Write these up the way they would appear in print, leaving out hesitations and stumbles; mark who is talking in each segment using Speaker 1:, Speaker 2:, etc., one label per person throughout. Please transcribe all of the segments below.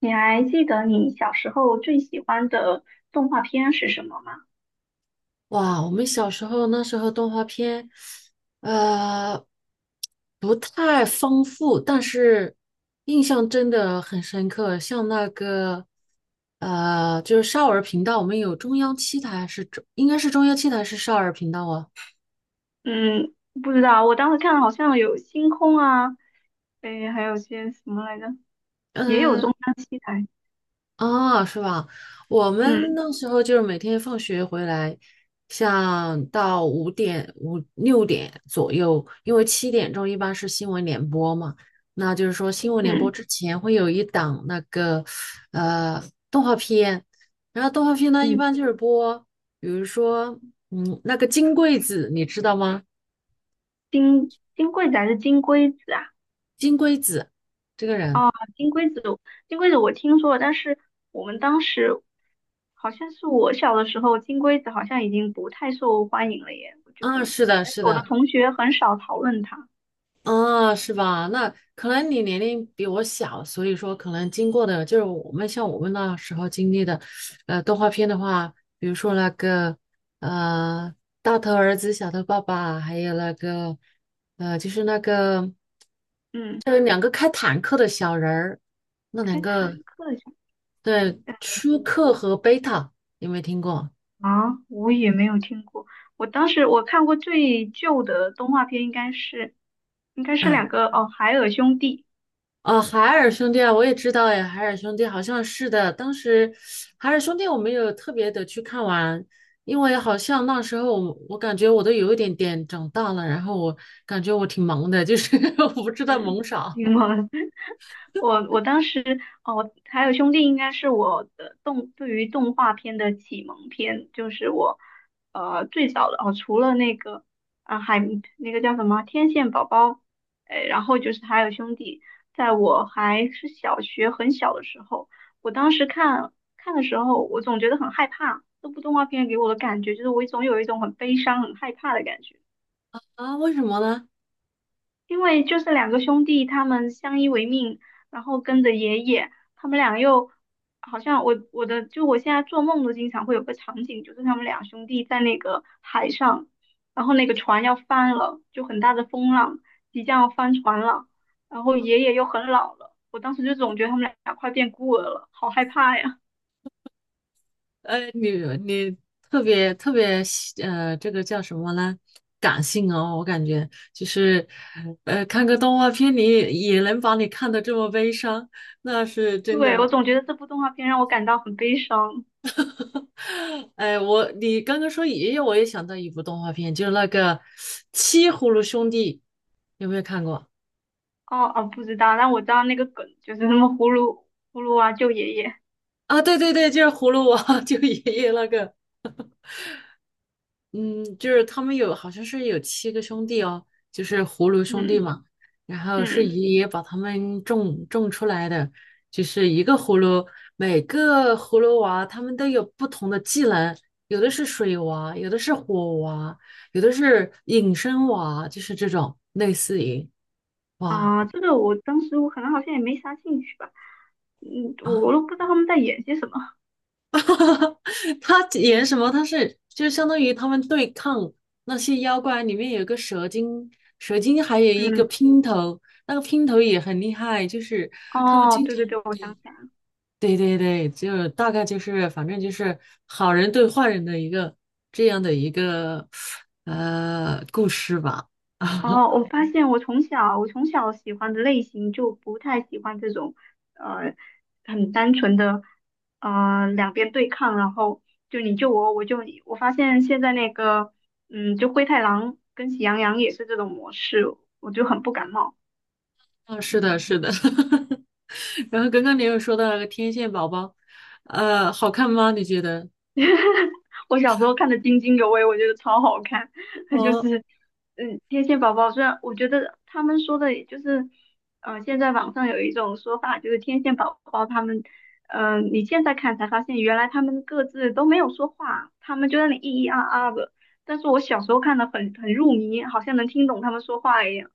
Speaker 1: 你还记得你小时候最喜欢的动画片是什么吗？
Speaker 2: 哇，我们小时候那时候动画片，呃，不太丰富，但是印象真的很深刻。像那个，就是少儿频道，我们有中央七台是中，应该是中央七台是少儿频道啊。
Speaker 1: 嗯，不知道，我当时看好像有星空啊，诶，还有些什么来着，也有
Speaker 2: 呃
Speaker 1: 中央七台。
Speaker 2: 啊，是吧？我们
Speaker 1: 嗯
Speaker 2: 那时候就是每天放学回来，像到五点、五六点左右，因为七点钟一般是新闻联播嘛，那就是说新闻联播
Speaker 1: 嗯
Speaker 2: 之前会有一档那个呃动画片，然后动画片呢一
Speaker 1: 嗯，
Speaker 2: 般就是播，比如说那个金龟子，你知道吗？
Speaker 1: 金龟子还是金龟子啊？
Speaker 2: 金龟子这个人
Speaker 1: 哦，金龟子，金龟子我听说了，但是我们当时好像是我小的时候，金龟子好像已经不太受欢迎了耶。我觉得
Speaker 2: 啊，是的，是
Speaker 1: 我的
Speaker 2: 的。
Speaker 1: 同学很少讨论它。
Speaker 2: 啊，是吧？那可能你年龄比我小，所以说可能经过的就是我们像我们那时候经历的，动画片的话，比如说那个呃《大头儿子小头爸爸》，还有那个呃就是那个
Speaker 1: 嗯，
Speaker 2: 就是两个开坦克的小人儿，那两
Speaker 1: 开坦
Speaker 2: 个
Speaker 1: 克。
Speaker 2: 对舒克和贝塔有没有听过？
Speaker 1: 啊，我也没有听过。我当时我看过最旧的动画片，应该是
Speaker 2: 嗯。
Speaker 1: 两个哦，海尔兄弟。
Speaker 2: 哦，海尔兄弟啊，我也知道呀，海尔兄弟好像是的。当时海尔兄弟我没有特别的去看完，因为好像那时候我感觉我都有一点点长大了，然后我感觉我挺忙的，就是 我不知
Speaker 1: 嗯，
Speaker 2: 道 忙啥
Speaker 1: 英文，我当时哦，还有兄弟应该是我的对于动画片的启蒙片，就是我最早的哦，除了那个啊海那个叫什么天线宝宝，哎，然后就是还有兄弟，在我还是小学很小的时候，我当时看的时候，我总觉得很害怕，这部动画片给我的感觉就是我总有一种很悲伤、很害怕的感觉。
Speaker 2: 啊？为什么呢？
Speaker 1: 因为就是两个兄弟，他们相依为命，然后跟着爷爷，他们俩又好像我我的就我现在做梦都经常会有个场景，就是他们俩兄弟在那个海上，然后那个船要翻了，就很大的风浪，即将要翻船了，然后爷爷又很老了，我当时就总觉得他们俩快变孤儿了，好害怕呀！
Speaker 2: 你你特别特别喜这个叫什么呢？感性哦，我感觉就是看个动画片你也能把你看的这么悲伤，那是 真
Speaker 1: 对，我
Speaker 2: 的。
Speaker 1: 总觉得这部动画片让我感到很悲伤。
Speaker 2: 哎，我你刚刚说爷爷，我也想到一部动画片，就是那个《七葫芦兄弟》，有没有看过
Speaker 1: 哦哦，不知道，但我知道那个梗就是什么葫芦娃救爷爷，
Speaker 2: 啊？对对对，就是葫芦娃，就爷爷那个。嗯，就是他们有好像是有七个兄弟哦，就是葫芦兄弟
Speaker 1: 嗯
Speaker 2: 嘛。然后是
Speaker 1: 嗯。
Speaker 2: 爷爷把他们种种出来的，就是一个葫芦，每个葫芦娃他们都有不同的技能，有的是水娃，有的是火娃，有的是隐身娃，就是这种类似于哇
Speaker 1: 啊，这个我当时我可能好像也没啥兴趣吧，嗯，
Speaker 2: 啊，
Speaker 1: 我都不知道他们在演些什么。
Speaker 2: 他演什么？他是就相当于他们对抗那些妖怪，里面有个蛇精，蛇精还有一个
Speaker 1: 嗯，
Speaker 2: 姘头，那个姘头也很厉害，就是他们
Speaker 1: 哦，
Speaker 2: 经
Speaker 1: 对
Speaker 2: 常
Speaker 1: 对对，我想起来了。
Speaker 2: 对对对，就大概就是反正就是好人对坏人的一个这样的一个故事吧。
Speaker 1: 哦，我发现我从小喜欢的类型就不太喜欢这种，呃，很单纯的，呃，两边对抗，然后就你救我，我救你。我发现现在那个，嗯，就灰太狼跟喜羊羊也是这种模式，我就很不感冒。
Speaker 2: 啊，是的，是的。然后刚刚你又说到那个天线宝宝，好看吗？你觉得？
Speaker 1: 我小时候看的津津有味，我觉得超好看。它就
Speaker 2: 哦
Speaker 1: 是，嗯，天线宝宝虽然我觉得他们说的也就是，嗯、现在网上有一种说法，就是天线宝宝他们，嗯、你现在看才发现原来他们各自都没有说话，他们就在那里咿咿啊啊的。但是我小时候看的很入迷，好像能听懂他们说话一样。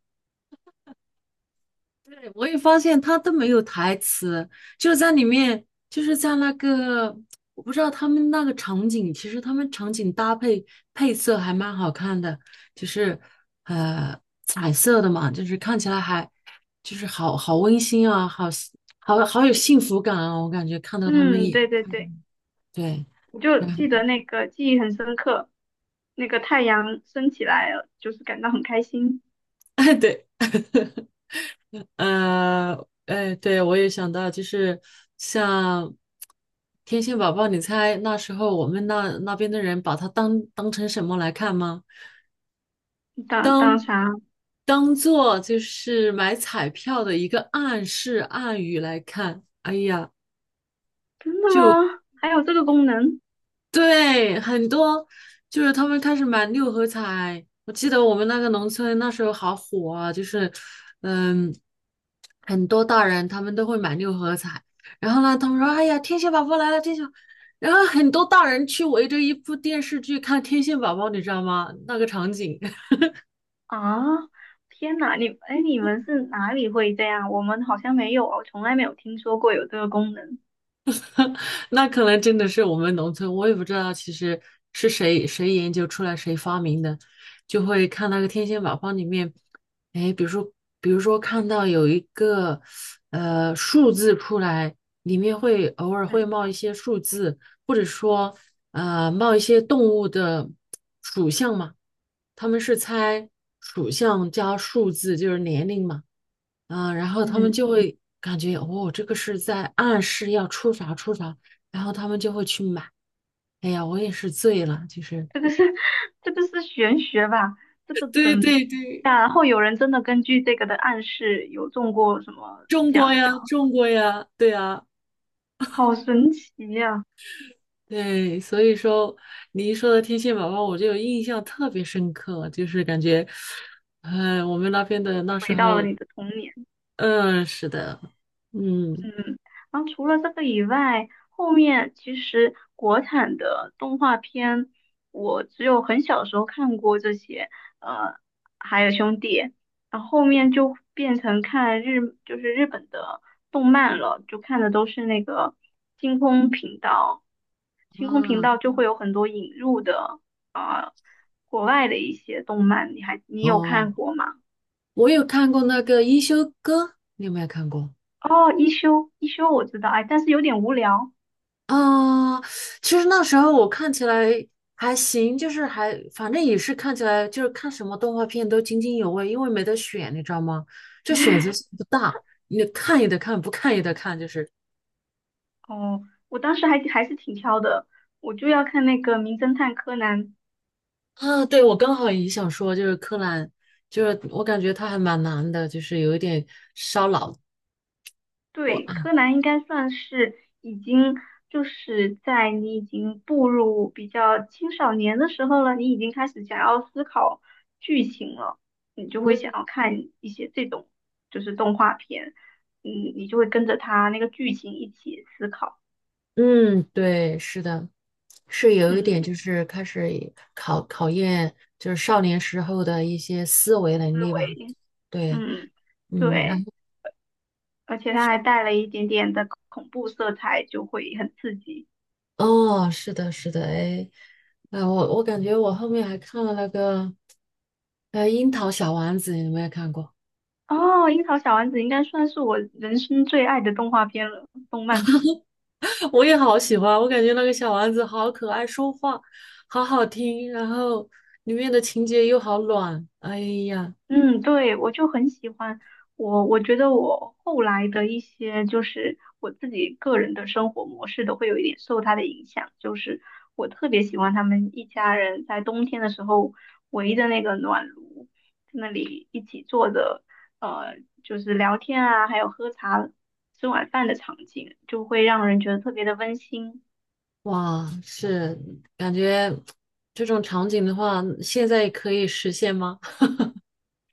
Speaker 2: 对，我也发现他都没有台词，就是在里面，就是在那个，我不知道他们那个场景，其实他们场景搭配配色还蛮好看的，就是呃彩色的嘛，就是看起来还就是好好温馨啊，好好好有幸福感啊，我感觉看到他们
Speaker 1: 嗯，
Speaker 2: 也
Speaker 1: 对对对，
Speaker 2: 对，
Speaker 1: 我就记得
Speaker 2: 嗯，
Speaker 1: 那个记忆很深刻，那个太阳升起来了，就是感到很开心。
Speaker 2: 对。呃，哎，对，我也想到，就是像天线宝宝，你猜那时候我们那那边的人把它当当成什么来看吗？
Speaker 1: 当当啥？
Speaker 2: 当做就是买彩票的一个暗示暗语来看。哎呀，
Speaker 1: 真的吗？还有这个功能
Speaker 2: 对，很多就是他们开始买六合彩。我记得我们那个农村那时候好火啊，就是嗯，很多大人他们都会买六合彩。然后呢，他们说："哎呀，天线宝宝来了，天线。"然后很多大人去围着一部电视剧看《天线宝宝》，你知道吗？那个场景。
Speaker 1: 啊！天哪，你哎，你们是哪里会这样？我们好像没有哦，从来没有听说过有这个功能。
Speaker 2: 那可能真的是我们农村，我也不知道其实是谁谁研究出来谁发明的，就会看那个天线宝宝里面，哎，比如说比如说看到有一个数字出来，里面会偶尔会
Speaker 1: 嗯
Speaker 2: 冒一些数字，或者说冒一些动物的属相嘛，他们是猜属相加数字就是年龄嘛。然后他们
Speaker 1: 嗯，
Speaker 2: 就会感觉哦，这个是在暗示要出啥出啥，然后他们就会去买。哎呀，我也是醉了，就是
Speaker 1: 这个是 这个是玄学吧？这个 怎
Speaker 2: 对
Speaker 1: 么
Speaker 2: 对对，
Speaker 1: 然后有人真的根据这个的暗示有中过什么
Speaker 2: 中
Speaker 1: 奖
Speaker 2: 国呀，
Speaker 1: 吗？
Speaker 2: 中国呀，对呀，
Speaker 1: 好神奇呀、
Speaker 2: 对，所以说你一说到天线宝宝，我就有印象特别深刻，就是感觉，嗯，我们那边的那时
Speaker 1: 回到
Speaker 2: 候，
Speaker 1: 了你的童年。
Speaker 2: 嗯，是的，嗯
Speaker 1: 嗯，然后除了这个以外，后面其实国产的动画片，我只有很小的时候看过这些，呃，还有兄弟，然后后面就变成看日，就是日本的动漫了，就看的都是那个星空频道，星空频
Speaker 2: 嗯
Speaker 1: 道就会有很多引入的啊、呃国外的一些动漫，你有
Speaker 2: 哦，
Speaker 1: 看过吗？
Speaker 2: 我有看过那个《一休哥》，你有没有看过？
Speaker 1: 哦，一休我知道，哎，但是有点无聊。
Speaker 2: 啊，其实那时候我看起来还行，就是还反正也是看起来就是看什么动画片都津津有味，因为没得选，你知道吗？就选 择性不大，你看也得看，不看也得看，就是
Speaker 1: 哦，我当时还是挺挑的，我就要看那个《名侦探柯南》。
Speaker 2: 啊，对，我刚好也想说，就是柯南，就是我感觉他还蛮难的，就是有一点烧脑破
Speaker 1: 对，
Speaker 2: 案。
Speaker 1: 柯南应该算是已经就是在你已经步入比较青少年的时候了，你已经开始想要思考剧情了，你就会想
Speaker 2: 嗯
Speaker 1: 要看一些这种就是动画片，嗯，你就会跟着它那个剧情一起思考，
Speaker 2: 嗯，对，是的。是有一点，
Speaker 1: 嗯，
Speaker 2: 就是开始考验，就是少年时候的一些思维能
Speaker 1: 思
Speaker 2: 力吧。
Speaker 1: 维，
Speaker 2: 对，
Speaker 1: 嗯，
Speaker 2: 嗯，然后
Speaker 1: 对，而且它还带了一点点的恐怖色彩，就会很刺激。
Speaker 2: 哦，是的，是的，哎，啊，我感觉我后面还看了那个，《樱桃小丸子》，你有没有看过？
Speaker 1: 哦，《樱桃小丸子》应该算是我人生最爱的动画片了，动漫。
Speaker 2: 我也好喜欢，我感觉那个小丸子好可爱，说话好好听，然后里面的情节又好暖，哎呀，
Speaker 1: 嗯，对，我就很喜欢。我我觉得我后来的一些，就是我自己个人的生活模式都会有一点受它的影响。就是我特别喜欢他们一家人在冬天的时候围着那个暖炉，在那里一起坐着，呃，就是聊天啊，还有喝茶、吃晚饭的场景，就会让人觉得特别的温馨。
Speaker 2: 哇，是感觉这种场景的话，现在可以实现吗？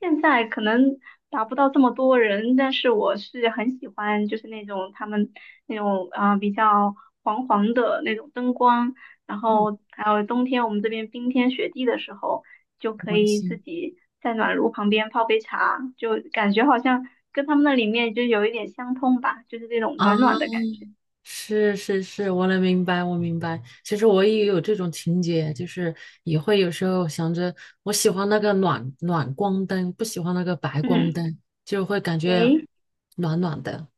Speaker 1: 现在可能达不到这么多人，但是我是很喜欢，就是那种他们那种啊、呃比较黄黄的那种灯光，然
Speaker 2: 嗯，
Speaker 1: 后还有冬天我们这边冰天雪地的时候，就可
Speaker 2: 温
Speaker 1: 以自
Speaker 2: 馨。
Speaker 1: 己在暖炉旁边泡杯茶，就感觉好像跟他们那里面就有一点相通吧，就是这种暖暖的
Speaker 2: 啊。
Speaker 1: 感觉。
Speaker 2: 是是是，我能明白，我明白。其实我也有这种情节，就是也会有时候想着，我喜欢那个暖暖光灯，不喜欢那个白光
Speaker 1: 嗯，
Speaker 2: 灯，就会感觉
Speaker 1: 诶，
Speaker 2: 暖暖的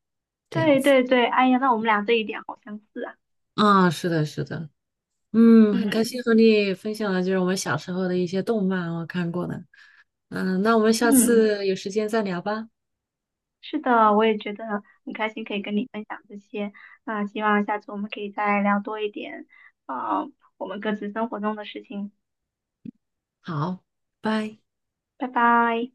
Speaker 2: 这样
Speaker 1: 对
Speaker 2: 子。
Speaker 1: 对对，哎呀，那我们俩这一点好相似啊。
Speaker 2: 啊，是的，是的，嗯，很开
Speaker 1: 嗯
Speaker 2: 心和你分享了，就是我们小时候的一些动漫，我看过的。嗯，那我们下
Speaker 1: 嗯。
Speaker 2: 次有时间再聊吧。
Speaker 1: 是的，我也觉得很开心可以跟你分享这些。那希望下次我们可以再聊多一点，啊，我们各自生活中的事情。
Speaker 2: 好，拜。
Speaker 1: 拜拜。